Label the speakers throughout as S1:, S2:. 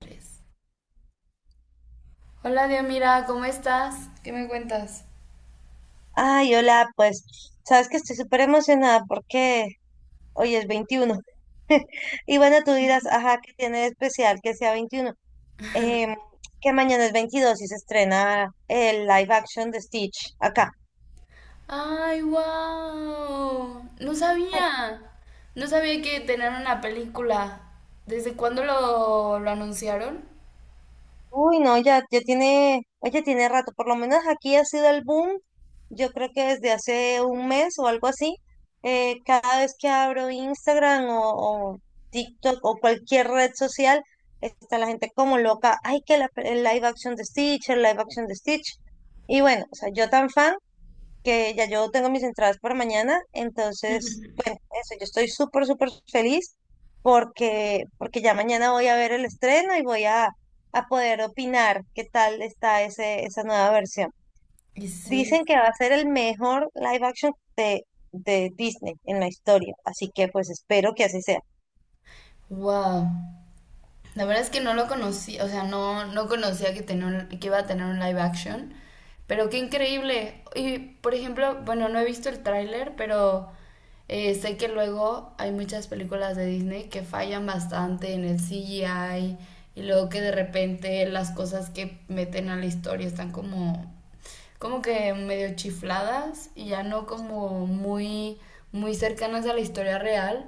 S1: Tres. Hola, Diomira, ¿cómo estás? ¿Qué me cuentas?
S2: Ay, hola, pues, sabes que estoy súper emocionada porque hoy es 21. Y bueno, tú dirás, ajá, ¿qué tiene de especial que sea 21? Em, que mañana es 22 y se estrena el live action de Stitch acá.
S1: ¡Ay, wow! No sabía. No sabía que tenían una película. ¿Desde cuándo lo anunciaron?
S2: Uy, no, ya tiene, oye, tiene rato, por lo menos aquí ha sido el boom, yo creo que desde hace un mes o algo así. Cada vez que abro Instagram o TikTok o cualquier red social, está la gente como loca, ay, que la, el live action de Stitch, el live action de Stitch. Y bueno, o sea, yo tan fan que ya yo tengo mis entradas para mañana. Entonces, bueno, eso, yo estoy súper, súper feliz porque, porque ya mañana voy a ver el estreno y voy a poder opinar qué tal está ese, esa nueva versión.
S1: Y sí.
S2: Dicen que va a ser el mejor live action de Disney en la historia, así que pues espero que así sea.
S1: ¡Wow! La verdad es que no lo conocí, o sea, no, no conocía que, tenía un- que iba a tener un live action, pero qué increíble. Y, por ejemplo, bueno, no he visto el tráiler, pero sé que luego hay muchas películas de Disney que fallan bastante en el CGI y luego que de repente las cosas que meten a la historia están como, como que medio chifladas y ya no como muy, muy cercanas a la historia real.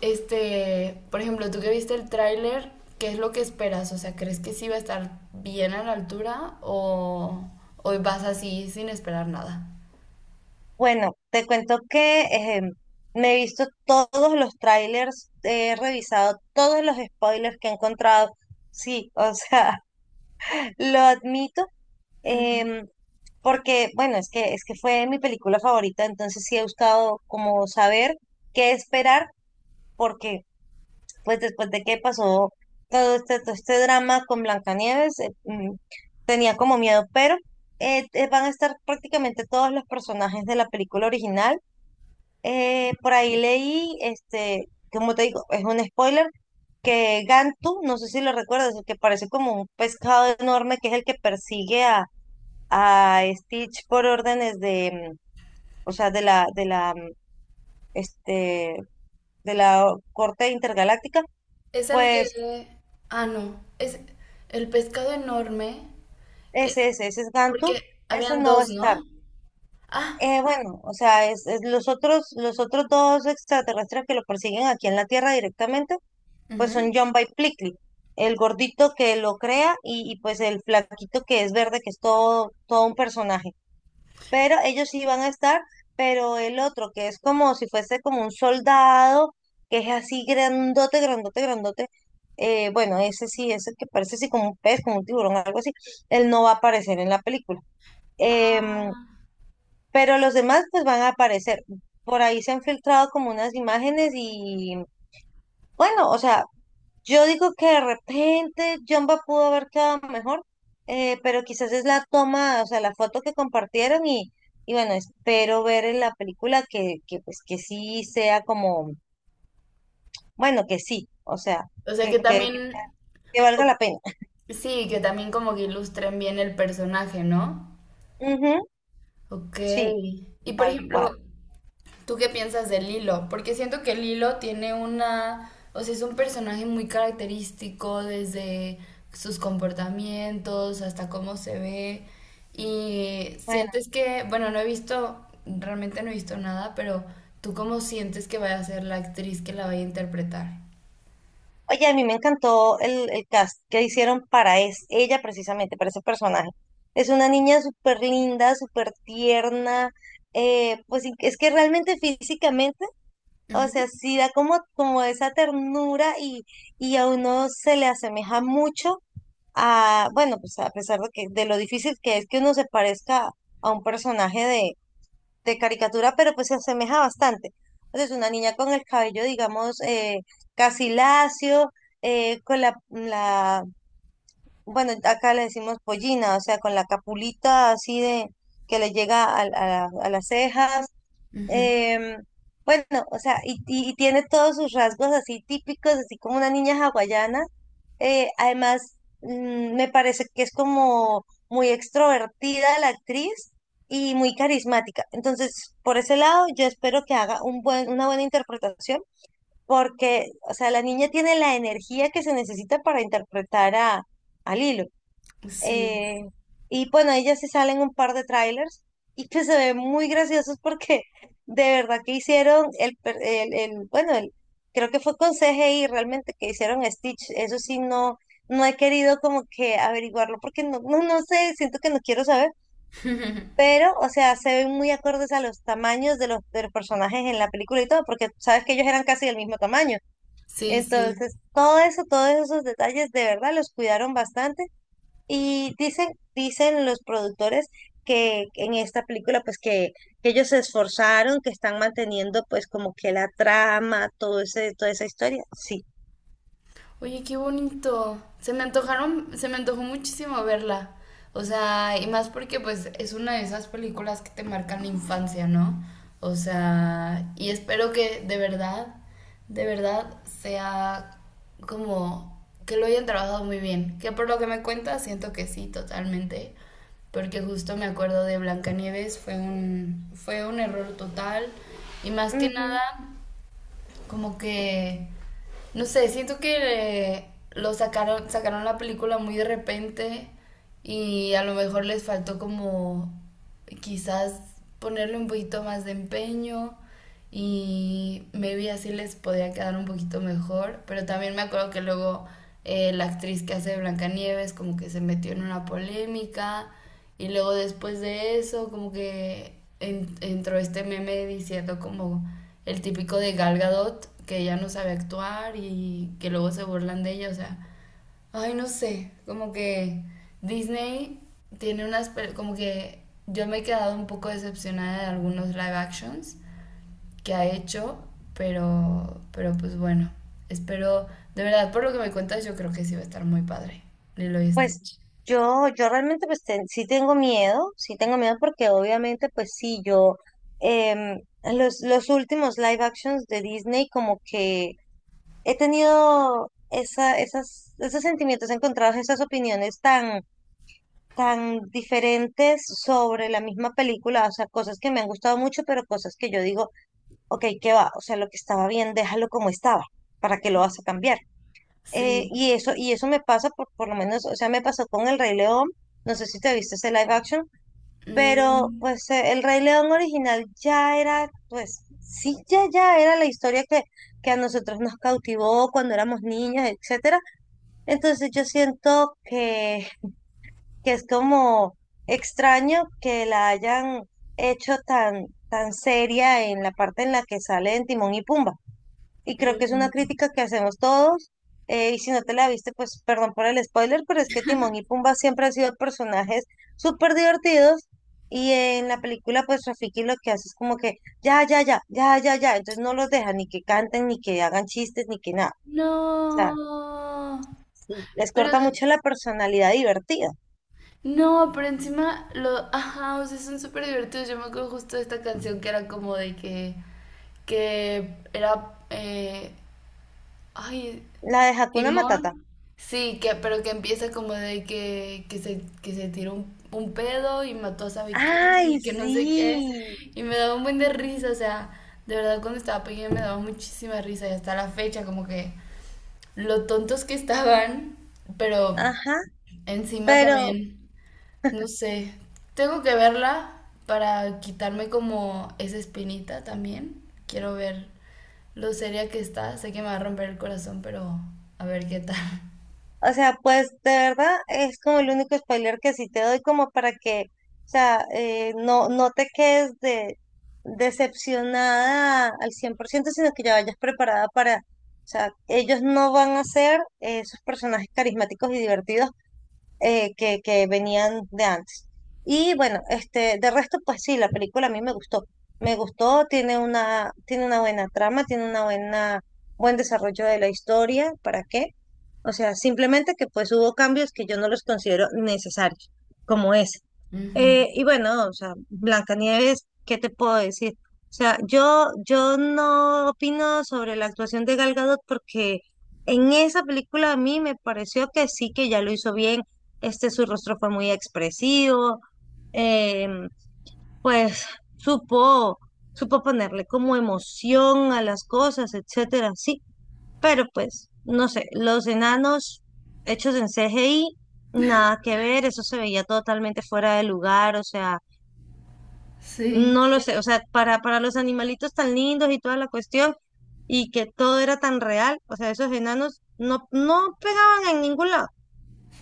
S1: Este, por ejemplo, tú que viste el tráiler, ¿qué es lo que esperas? O sea, ¿crees que sí va a estar bien a la altura o vas así sin esperar nada?
S2: Bueno, te cuento que me he visto todos los trailers, he revisado todos los spoilers que he encontrado. Sí, o sea, lo admito, em, porque, bueno, es que fue mi película favorita, entonces sí he buscado como saber qué esperar, porque pues después de que pasó todo este drama con Blancanieves, tenía como miedo. Pero van a estar prácticamente todos los personajes de la película original. Por ahí leí, este, como te digo, es un spoiler, que Gantu, no sé si lo recuerdas, el que parece como un pescado enorme, que es el que persigue a Stitch por órdenes de, o sea, de la, este, de la corte intergaláctica.
S1: Es el
S2: Pues
S1: que... Ah, no. Es el pescado enorme. Es
S2: ese es Gantu,
S1: porque
S2: ese
S1: habían
S2: no va a
S1: dos,
S2: estar.
S1: ¿no? Ah.
S2: Bueno, o sea, es los otros dos extraterrestres que lo persiguen aquí en la Tierra directamente, pues son
S1: Ujú.
S2: John by Plickly, el gordito que lo crea y pues el flaquito que es verde, que es todo, todo un personaje. Pero ellos sí van a estar, pero el otro, que es como si fuese como un soldado, que es así grandote, grandote, grandote, bueno, ese sí, ese que parece así como un pez, como un tiburón, algo así, él no va a aparecer en la película. Em,
S1: Ah.
S2: pero los demás pues van a aparecer. Por ahí se han filtrado como unas imágenes y bueno, o sea, yo digo que de repente Jumba pudo haber quedado mejor. Pero quizás es la toma, o sea, la foto que compartieron y bueno, espero ver en la película que pues que sí sea como, bueno, que sí, o sea,
S1: O sea que
S2: que, que,
S1: también...
S2: que
S1: o-
S2: valga la pena.
S1: Sí, que también como que ilustren bien el personaje, ¿no?
S2: Ujú,
S1: Ok.
S2: sí,
S1: Y por
S2: tal cual.
S1: ejemplo, ¿tú qué piensas de Lilo? Porque siento que Lilo tiene una, o sea, es un personaje muy característico desde sus comportamientos hasta cómo se ve. Y
S2: Bueno,
S1: sientes que, bueno, no he visto, realmente no he visto nada, pero ¿tú cómo sientes que vaya a ser la actriz que la vaya a interpretar?
S2: oye, a mí me encantó el cast que hicieron para es, ella precisamente, para ese personaje. Es una niña súper linda, súper tierna, pues es que realmente físicamente o sea, sí da como, como esa ternura y a uno se le asemeja mucho a, bueno, pues a pesar de que de lo difícil que es que uno se parezca a un personaje de caricatura, pero pues se asemeja bastante. Entonces, una niña con el cabello, digamos, casi lacio, con la, la, bueno, acá le decimos pollina, o sea, con la capulita así de que le llega a a las cejas.
S1: Ujú, ujú.
S2: Em, bueno, o sea, y, y tiene todos sus rasgos así típicos, así como una niña hawaiana. Además, me parece que es como muy extrovertida la actriz y muy carismática. Entonces, por ese lado, yo espero que haga un buen, una buena interpretación, porque, o sea, la niña tiene la energía que se necesita para interpretar a Lilo.
S1: Sí,
S2: Eh, y bueno, ahí ya se salen un par de trailers y que se ven muy graciosos porque de verdad que hicieron el, el, bueno, el, creo que fue con CGI realmente que hicieron a Stitch. Eso sí, no, no he querido como que averiguarlo porque no, no, no sé, siento que no quiero saber. Pero, o sea, se ven muy acordes a los tamaños de los personajes en la película y todo, porque sabes que ellos eran casi del mismo tamaño.
S1: sí, sí.
S2: Entonces, todo eso, todos esos detalles de verdad los cuidaron bastante. Y dicen, dicen los productores que en esta película, pues que ellos se esforzaron, que están manteniendo pues como que la trama, todo ese, toda esa historia. Sí.
S1: Oye, qué bonito. Se me antojaron, se me antojó muchísimo verla. O sea, y más porque pues es una de esas películas que te marcan la infancia, ¿no? O sea, y espero que de verdad sea como que lo hayan trabajado muy bien. Que por lo que me cuentas, siento que sí, totalmente. Porque justo me acuerdo de Blancanieves, fue un error total. Y más que
S2: Ujú.
S1: nada, como que, no sé, siento que lo sacaron, sacaron la película muy de repente y a lo mejor les faltó como quizás ponerle un poquito más de empeño y maybe así les podría quedar un poquito mejor, pero también me acuerdo que luego la actriz que hace de Blancanieves como que se metió en una polémica y luego después de eso, como que en- entró este meme diciendo como el típico de Gal Gadot, que ella no sabe actuar y que luego se burlan de ella, o sea, ay, no sé, como que Disney tiene unas, pel- como que yo me he quedado un poco decepcionada de algunos live actions que ha hecho, pero pues bueno, espero, de verdad, por lo que me cuentas, yo creo que sí va a estar muy padre, Lilo y
S2: Pues
S1: Stitch.
S2: yo realmente pues sí tengo miedo porque obviamente pues sí, yo los últimos live actions de Disney como que he tenido esa, esas, esos sentimientos encontrados, esas opiniones tan tan diferentes sobre la misma película, o sea, cosas que me han gustado mucho, pero cosas que yo digo, ok, ¿qué va? O sea, lo que estaba bien, déjalo como estaba, ¿para qué lo vas a cambiar?
S1: Sí.
S2: Y eso, y eso me pasa por lo menos, o sea, me pasó con El Rey León, no sé si te viste ese live action. Pero
S1: Mm.
S2: pues El Rey León original ya era, pues sí, ya, ya era la historia que a nosotros nos cautivó cuando éramos niñas, etcétera. Entonces yo siento que es como extraño que la hayan hecho tan, tan seria en la parte en la que sale en Timón y Pumba. Y creo que es una
S1: Mm.
S2: crítica que hacemos todos. Y si no te la viste, pues perdón por el spoiler, pero es que Timón y Pumba siempre han sido personajes súper divertidos. Y en la película, pues Rafiki lo que hace es como que ya, ya, ya, ya, ya, ya. Entonces no los deja ni que canten, ni que hagan chistes, ni que nada. O sea,
S1: No,
S2: sí, les
S1: pero
S2: corta mucho la personalidad divertida.
S1: no, pero encima los ajá, o sea, son súper divertidos. Yo me acuerdo justo de esta canción que era como de que era, ay,
S2: La de Hakuna Matata.
S1: Timón, sí, que, pero que empieza como de que se tiró un pedo y mató a sabe quién
S2: Ay,
S1: y que no sé qué,
S2: sí,
S1: y me daba un buen de risa, o sea, de verdad cuando estaba pequeña me daba muchísima risa y hasta la fecha como que. Lo tontos que estaban, pero
S2: ajá,
S1: encima
S2: pero,
S1: también, no sé, tengo que verla para quitarme como esa espinita también. Quiero ver lo seria que está, sé que me va a romper el corazón, pero a ver qué tal.
S2: o sea, pues de verdad es como el único spoiler que sí te doy como para que, o sea, no, no te quedes de, decepcionada al 100 por ciento, sino que ya vayas preparada para, o sea, ellos no van a ser esos personajes carismáticos y divertidos que venían de antes. Y bueno, este, de resto, pues sí, la película a mí me gustó. Me gustó, tiene una buena trama, tiene una buena, buen desarrollo de la historia. ¿Para qué? O sea, simplemente que pues hubo cambios que yo no los considero necesarios, como ese.
S1: Ujú.
S2: Y bueno, o sea, Blancanieves, ¿qué te puedo decir? O sea, yo no opino sobre la actuación de Gal Gadot porque en esa película a mí me pareció que sí que ya lo hizo bien. Este, su rostro fue muy expresivo, em, pues supo, supo ponerle como emoción a las cosas, etcétera, sí. Pero pues, no sé, los enanos hechos en CGI, nada que ver, eso se veía totalmente fuera de lugar, o sea.
S1: Sí,
S2: No lo sé, o sea, para los animalitos tan lindos y toda la cuestión, y que todo era tan real, o sea, esos enanos no, no pegaban en ningún lado.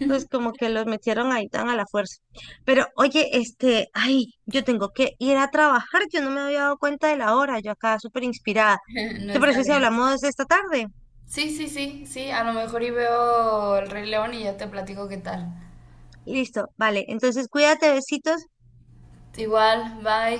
S2: Entonces, como que los metieron ahí tan a la fuerza. Pero, oye, este, ay, yo tengo que ir a trabajar, yo no me había dado cuenta de la hora, yo acá súper inspirada.
S1: no
S2: ¿Te
S1: está
S2: parece si
S1: bien.
S2: hablamos esta tarde?
S1: Sí, sí, sí, sí, a lo mejor y veo el Rey León y ya te platico qué tal.
S2: Listo, vale, entonces cuídate, besitos.
S1: Igual, bye.